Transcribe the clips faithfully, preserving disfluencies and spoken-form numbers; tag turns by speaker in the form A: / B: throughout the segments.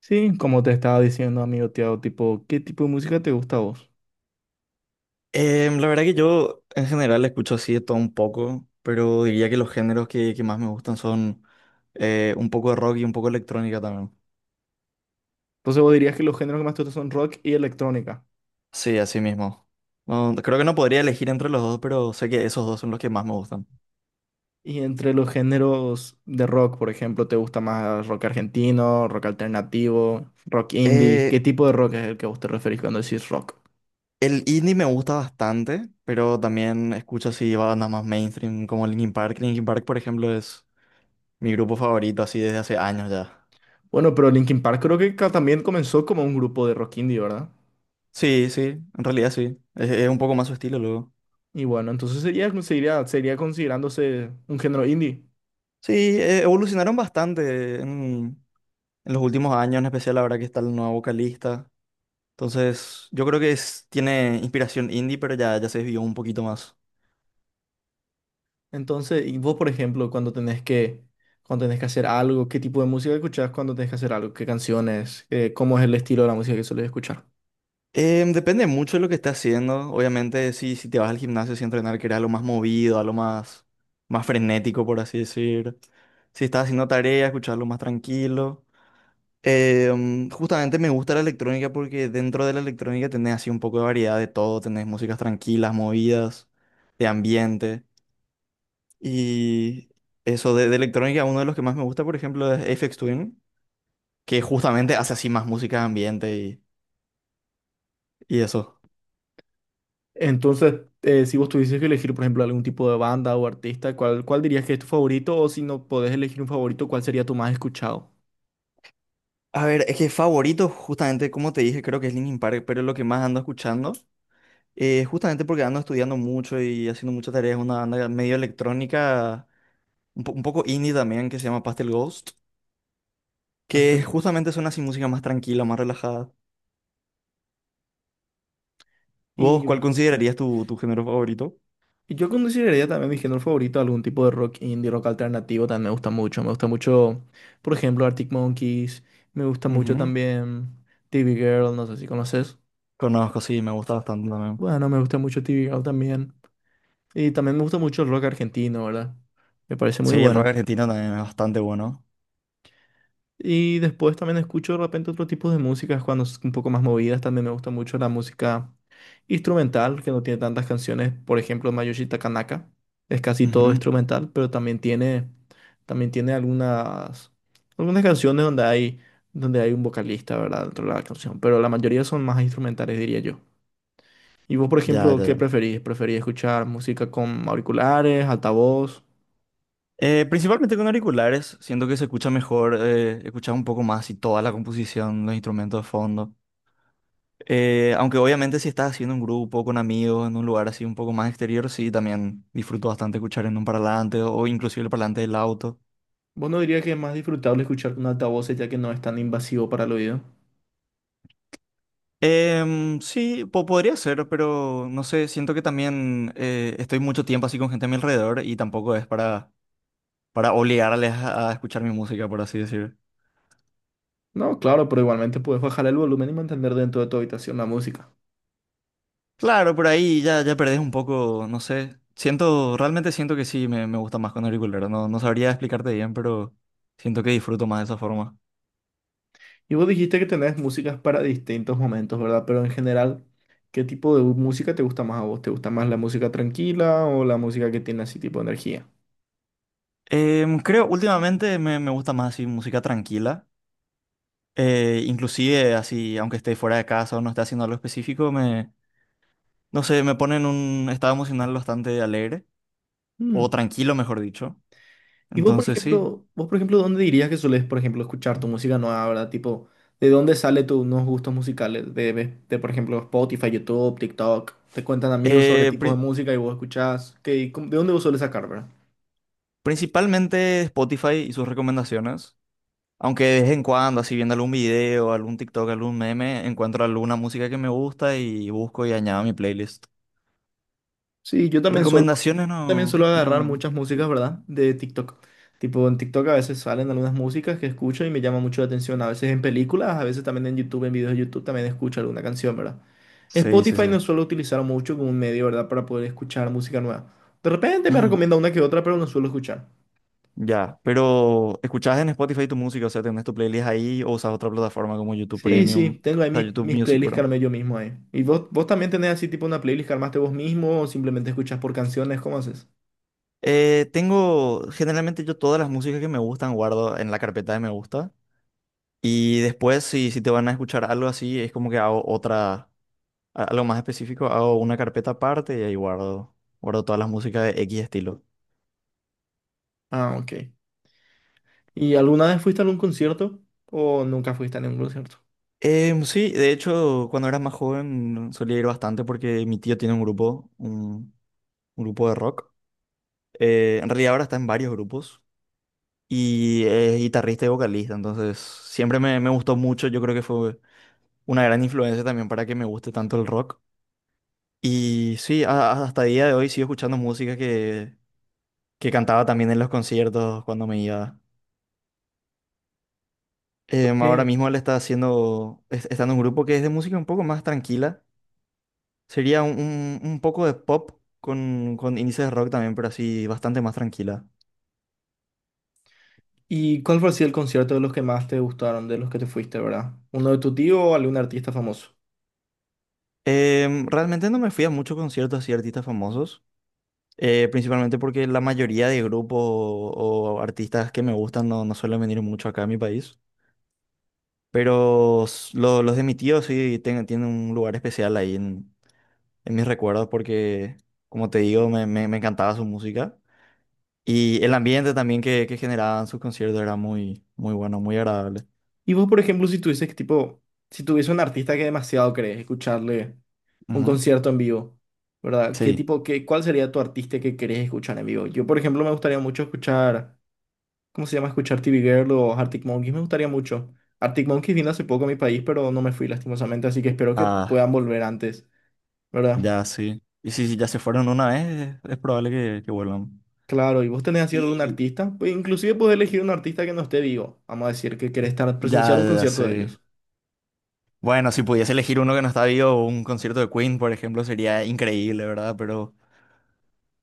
A: Sí, como te estaba diciendo, amigo Tiago, tipo, ¿qué tipo de música te gusta a vos?
B: Em, la verdad que yo en general escucho así de todo un poco, pero diría que los géneros que, que más me gustan son eh, un poco de rock y un poco de electrónica también.
A: Entonces vos dirías que los géneros que más te gustan son rock y electrónica.
B: Sí, así mismo. No, creo que no podría elegir entre los dos, pero sé que esos dos son los que más me gustan.
A: Y entre los géneros de rock, por ejemplo, ¿te gusta más rock argentino, rock alternativo, rock indie?
B: Eh,
A: ¿Qué tipo de rock es el que a vos te referís cuando decís rock?
B: el indie me gusta bastante, pero también escucho así bandas más mainstream como Linkin Park. Linkin Park, por ejemplo, es mi grupo favorito así desde hace años ya.
A: Bueno, pero Linkin Park creo que ca- también comenzó como un grupo de rock indie, ¿verdad?
B: Sí, sí, en realidad sí. Es, es un poco más su estilo luego.
A: Y bueno, entonces sería, seguiría, seguiría considerándose un género indie.
B: Sí, eh, evolucionaron bastante en, en los últimos años, en especial ahora que está el nuevo vocalista. Entonces, yo creo que es, tiene inspiración indie, pero ya, ya se desvió un poquito más.
A: Entonces, y vos, por ejemplo, cuando tenés que, cuando tenés que hacer algo, ¿qué tipo de música escuchás cuando tenés que hacer algo? ¿Qué canciones? Eh, ¿cómo es el estilo de la música que sueles escuchar?
B: Em, depende mucho de lo que estés haciendo. Obviamente, si, si te vas al gimnasio sin entrenar, que era lo más movido, a lo más, más frenético, por así decir. Si estás haciendo tarea, escucharlo más tranquilo. Em, justamente me gusta la electrónica porque dentro de la electrónica tenés así un poco de variedad de todo. Tenés músicas tranquilas, movidas, de ambiente. Y eso de, de electrónica, uno de los que más me gusta, por ejemplo, es Aphex Twin, que justamente hace así más música de ambiente y, y eso.
A: Entonces, eh, si vos tuvieses que elegir, por ejemplo, algún tipo de banda o artista, ¿cuál, cuál dirías que es tu favorito? O si no podés elegir un favorito, ¿cuál sería tu más escuchado?
B: A ver, es que favorito, justamente como te dije, creo que es Linkin Park, pero es lo que más ando escuchando. Eh, justamente porque ando estudiando mucho y haciendo muchas tareas, una banda medio electrónica, un, po- un poco indie también, que se llama Pastel Ghost, que
A: Pastel Ghost.
B: justamente son así música más tranquila, más relajada. ¿Vos
A: Y,
B: cuál considerarías tu, tu género favorito?
A: y yo consideraría también mi género favorito algún tipo de rock indie, rock alternativo, también me gusta mucho. Me gusta mucho, por ejemplo, Arctic Monkeys. Me gusta mucho
B: Ujú.
A: también T V Girl, no sé si conoces.
B: Conozco, sí, me gusta bastante también.
A: Bueno, me gusta mucho T V Girl también. Y también me gusta mucho el rock argentino, ¿verdad? Me parece muy
B: Sí, el rock
A: bueno.
B: argentino también es bastante bueno.
A: Y después también escucho de repente otro tipo de músicas cuando es un poco más movidas. También me gusta mucho la música instrumental, que no tiene tantas canciones. Por ejemplo, Mayoshi Takanaka. Es casi todo
B: Ujú.
A: instrumental, pero también tiene, también tiene algunas, algunas canciones donde hay, donde hay un vocalista, ¿verdad? Dentro de la canción. Pero la mayoría son más instrumentales, diría yo. ¿Y vos, por
B: Ya,
A: ejemplo,
B: ya,
A: qué
B: ya.
A: preferís? ¿Preferís escuchar música con auriculares, altavoz?
B: Eh, principalmente con auriculares, siento que se escucha mejor, eh, escuchas un poco más y toda la composición, los instrumentos de fondo. Eh, aunque obviamente si estás haciendo un grupo con amigos en un lugar así un poco más exterior, sí, también disfruto bastante escuchar en un parlante o inclusive el parlante del auto.
A: ¿Vos no dirías que es más disfrutable escuchar con altavoces ya que no es tan invasivo para el oído?
B: Em, sí, po- podría ser, pero no sé, siento que también eh, estoy mucho tiempo así con gente a mi alrededor y tampoco es para, para obligarles a a escuchar mi música, por así decir.
A: No, claro, pero igualmente puedes bajar el volumen y mantener dentro de tu habitación la música.
B: Claro, por ahí ya, ya perdés un poco, no sé. Siento, realmente siento que sí, me, me gusta más con auriculero. No, no sabría explicarte bien, pero siento que disfruto más de esa forma.
A: Y vos dijiste que tenés músicas para distintos momentos, ¿verdad? Pero en general, ¿qué tipo de música te gusta más a vos? ¿Te gusta más la música tranquila o la música que tiene así tipo energía?
B: Em, creo, últimamente me, me gusta más así música tranquila. Eh, inclusive así, aunque esté fuera de casa o no esté haciendo algo específico, me, no sé, me pone en un estado emocional bastante alegre, o
A: Mm.
B: tranquilo, mejor dicho.
A: ¿Y vos, por
B: Entonces sí.
A: ejemplo, vos, por ejemplo, dónde dirías que sueles por ejemplo, escuchar tu música nueva, ¿verdad? Tipo, ¿de dónde sale tus nuevos gustos musicales? De, de, de, por ejemplo, Spotify, YouTube, TikTok. Te cuentan amigos sobre
B: Eh,
A: tipos de
B: pri-
A: música y vos escuchás. ¿Qué, cómo- de dónde vos sueles sacar, verdad?
B: Principalmente Spotify y sus recomendaciones. Aunque de vez en cuando, así viendo algún video, algún TikTok, algún meme, encuentro alguna música que me gusta y busco y añado a mi playlist.
A: Sí, yo también suelo.
B: Recomendaciones
A: También suelo
B: no,
A: agarrar
B: no.
A: muchas músicas, ¿verdad? De TikTok. Tipo, en TikTok a veces salen algunas músicas que escucho y me llama mucho la atención. A veces en películas, a veces también en YouTube, en videos de YouTube también escucho alguna canción, ¿verdad?
B: Sí, sí,
A: Spotify
B: sí.
A: no suelo utilizar mucho como un medio, ¿verdad? Para poder escuchar música nueva. De repente me
B: Mm,
A: recomienda una que otra, pero no suelo escuchar.
B: ya, pero ¿escuchas en Spotify tu música? O sea, ¿tenés tu playlist ahí o usas otra plataforma como YouTube
A: Sí, sí,
B: Premium?
A: tengo ahí
B: O
A: mis,
B: sea, YouTube
A: mis
B: Music,
A: playlists que
B: perdón.
A: armé yo mismo ahí. ¿Y vos, vos también tenés así tipo una playlist que armaste vos mismo o simplemente escuchas por canciones? ¿Cómo haces?
B: Eh, tengo, generalmente yo todas las músicas que me gustan guardo en la carpeta de me gusta. Y después, si, si te van a escuchar algo así, es como que hago otra. A- Algo más específico, hago una carpeta aparte y ahí guardo, guardo todas las músicas de X estilo.
A: Ah, ok. ¿Y alguna vez fuiste a algún concierto o nunca fuiste a ningún concierto?
B: Em, sí, de hecho, cuando era más joven solía ir bastante porque mi tío tiene un grupo, un, un grupo de rock. Eh, en realidad ahora está en varios grupos y es guitarrista y vocalista, entonces siempre me, me gustó mucho. Yo creo que fue una gran influencia también para que me guste tanto el rock. Y sí, a- a- hasta el día de hoy sigo escuchando música que, que cantaba también en los conciertos cuando me iba. Em, ahora
A: Ok.
B: mismo él está haciendo, es- está en un grupo que es de música un poco más tranquila. Sería un, un- un poco de pop con, con índices de rock también, pero así bastante más tranquila.
A: ¿Y cuál fue así el concierto de los que más te gustaron, de los que te fuiste, verdad? ¿Uno de tu tío o algún artista famoso?
B: Em, realmente no me fui a muchos conciertos así de artistas famosos, eh, principalmente porque la mayoría de grupos o, o artistas que me gustan no, no suelen venir mucho acá a mi país. Pero s- lo- los de mi tío sí ten- tienen un lugar especial ahí en, en mis recuerdos porque, como te digo, me, me me encantaba su música. Y el ambiente también que, que generaban sus conciertos era muy, muy bueno, muy agradable.
A: Y vos, por ejemplo, si tuvieses que, tipo, si tuviese un artista que demasiado querés escucharle un
B: Ujú.
A: concierto en vivo, ¿verdad? ¿Qué
B: Sí,
A: tipo, qué, cuál sería tu artista que querés escuchar en vivo? Yo, por ejemplo, me gustaría mucho escuchar, ¿cómo se llama? Escuchar T V Girl o Arctic Monkeys, me gustaría mucho. Arctic Monkeys vino hace poco a mi país, pero no me fui lastimosamente, así que espero que
B: ah,
A: puedan volver antes, ¿verdad?
B: ya sí. Y si si ya se fueron una vez, es es probable que, que vuelvan.
A: Claro, y vos tenés así algún
B: Y
A: artista, pues inclusive podés elegir un artista que no esté vivo, vamos a decir que querés estar presenciar
B: ya,
A: un
B: ya sé.
A: concierto de ellos.
B: Bueno, si pudiese elegir uno que no está vivo, un concierto de Queen, por ejemplo, sería increíble, ¿verdad? Pero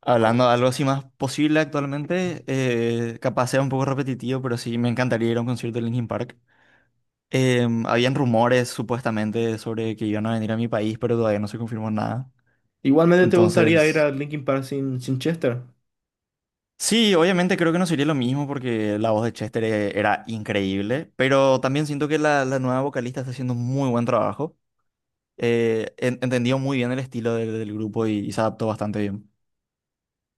B: hablando de algo así más posible actualmente, eh, capaz sea un poco repetitivo, pero sí me encantaría ir a un concierto de Linkin Park. Em, habían rumores supuestamente sobre que iban a venir a mi país, pero todavía no se confirmó nada.
A: Igualmente te gustaría ir
B: Entonces,
A: a Linkin Park sin, sin Chester.
B: sí, obviamente creo que no sería lo mismo porque la voz de Chester e- era increíble, pero también siento que la, la nueva vocalista está haciendo un muy buen trabajo. Eh, en- entendió muy bien el estilo del, del grupo y, y se adaptó bastante bien.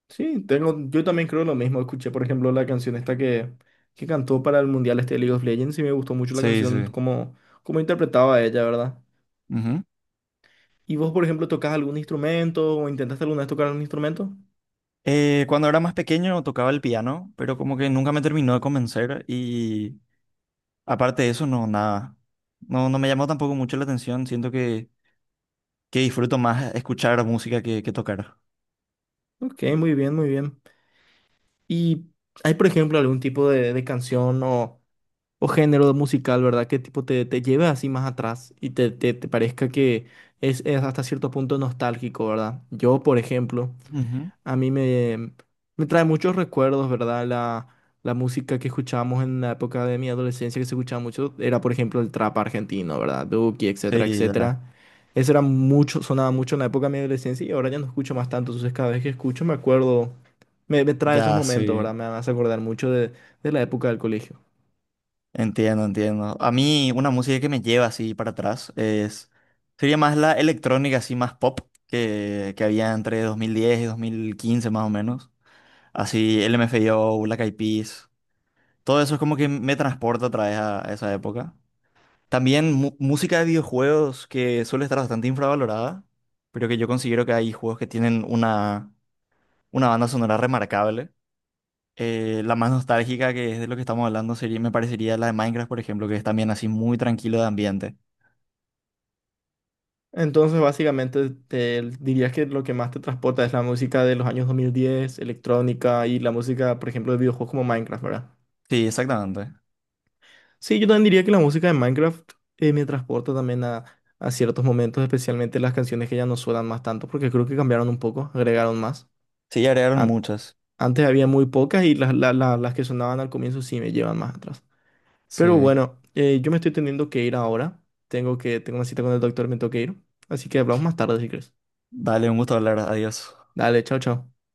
A: Sí, tengo, yo también creo lo mismo. Escuché, por ejemplo, la canción esta que, que cantó para el Mundial este de League of Legends y me gustó mucho la
B: Sí,
A: canción,
B: sí.
A: como, como interpretaba ella, ¿verdad?
B: Ujú.
A: ¿Y vos, por ejemplo, tocas algún instrumento o intentaste alguna vez tocar algún instrumento?
B: Eh, cuando era más pequeño tocaba el piano, pero como que nunca me terminó de convencer y aparte de eso, no, nada. No, no me llamó tampoco mucho la atención, siento que, que disfruto más escuchar música que, que tocar.
A: Ok, muy bien, muy bien. ¿Y hay, por ejemplo, algún tipo de, de canción o... o género musical, ¿verdad? Que tipo te, te lleve así más atrás y te, te, te parezca que es, es hasta cierto punto nostálgico, ¿verdad? Yo, por ejemplo,
B: Ujú.
A: a mí me, me trae muchos recuerdos, ¿verdad? La, la música que escuchábamos en la época de mi adolescencia, que se escuchaba mucho, era, por ejemplo, el trap argentino, ¿verdad? Duki, etcétera,
B: Sí, ya.
A: etcétera. Eso era mucho, sonaba mucho en la época de mi adolescencia y ahora ya no escucho más tanto, entonces cada vez que escucho me acuerdo, me, me trae esos
B: Ya,
A: momentos, ¿verdad?
B: sí,
A: Me hace acordar mucho de de la época del colegio.
B: entiendo, entiendo. A mí una música que me lleva así para atrás es, sería más la electrónica, así más pop, que, que había entre dos mil diez y dos mil quince más o menos. Así L M F A O, Black Eyed Peas, todo eso es como que me transporta otra vez a, a esa época. También mu- música de videojuegos que suele estar bastante infravalorada, pero que yo considero que hay juegos que tienen una, una banda sonora remarcable. Eh, la más nostálgica que es de lo que estamos hablando sería, me parecería la de Minecraft, por ejemplo, que es también así muy tranquilo de ambiente.
A: Entonces, básicamente, te dirías que lo que más te transporta es la música de los años dos mil diez, electrónica y la música, por ejemplo, de videojuegos como Minecraft, ¿verdad?
B: Sí, exactamente.
A: Sí, yo también diría que la música de Minecraft eh, me transporta también a, a ciertos momentos, especialmente las canciones que ya no suenan más tanto, porque creo que cambiaron un poco, agregaron más.
B: Sí, agregaron
A: An-
B: muchas.
A: antes había muy pocas y las, la- la- las que sonaban al comienzo sí me llevan más atrás.
B: Sí.
A: Pero bueno, eh, yo me estoy teniendo que ir ahora. Tengo que, tengo una cita con el doctor, me tengo que ir. Así que hablamos más tarde si crees.
B: Dale, un gusto hablar. Adiós.
A: Dale, chao, chao.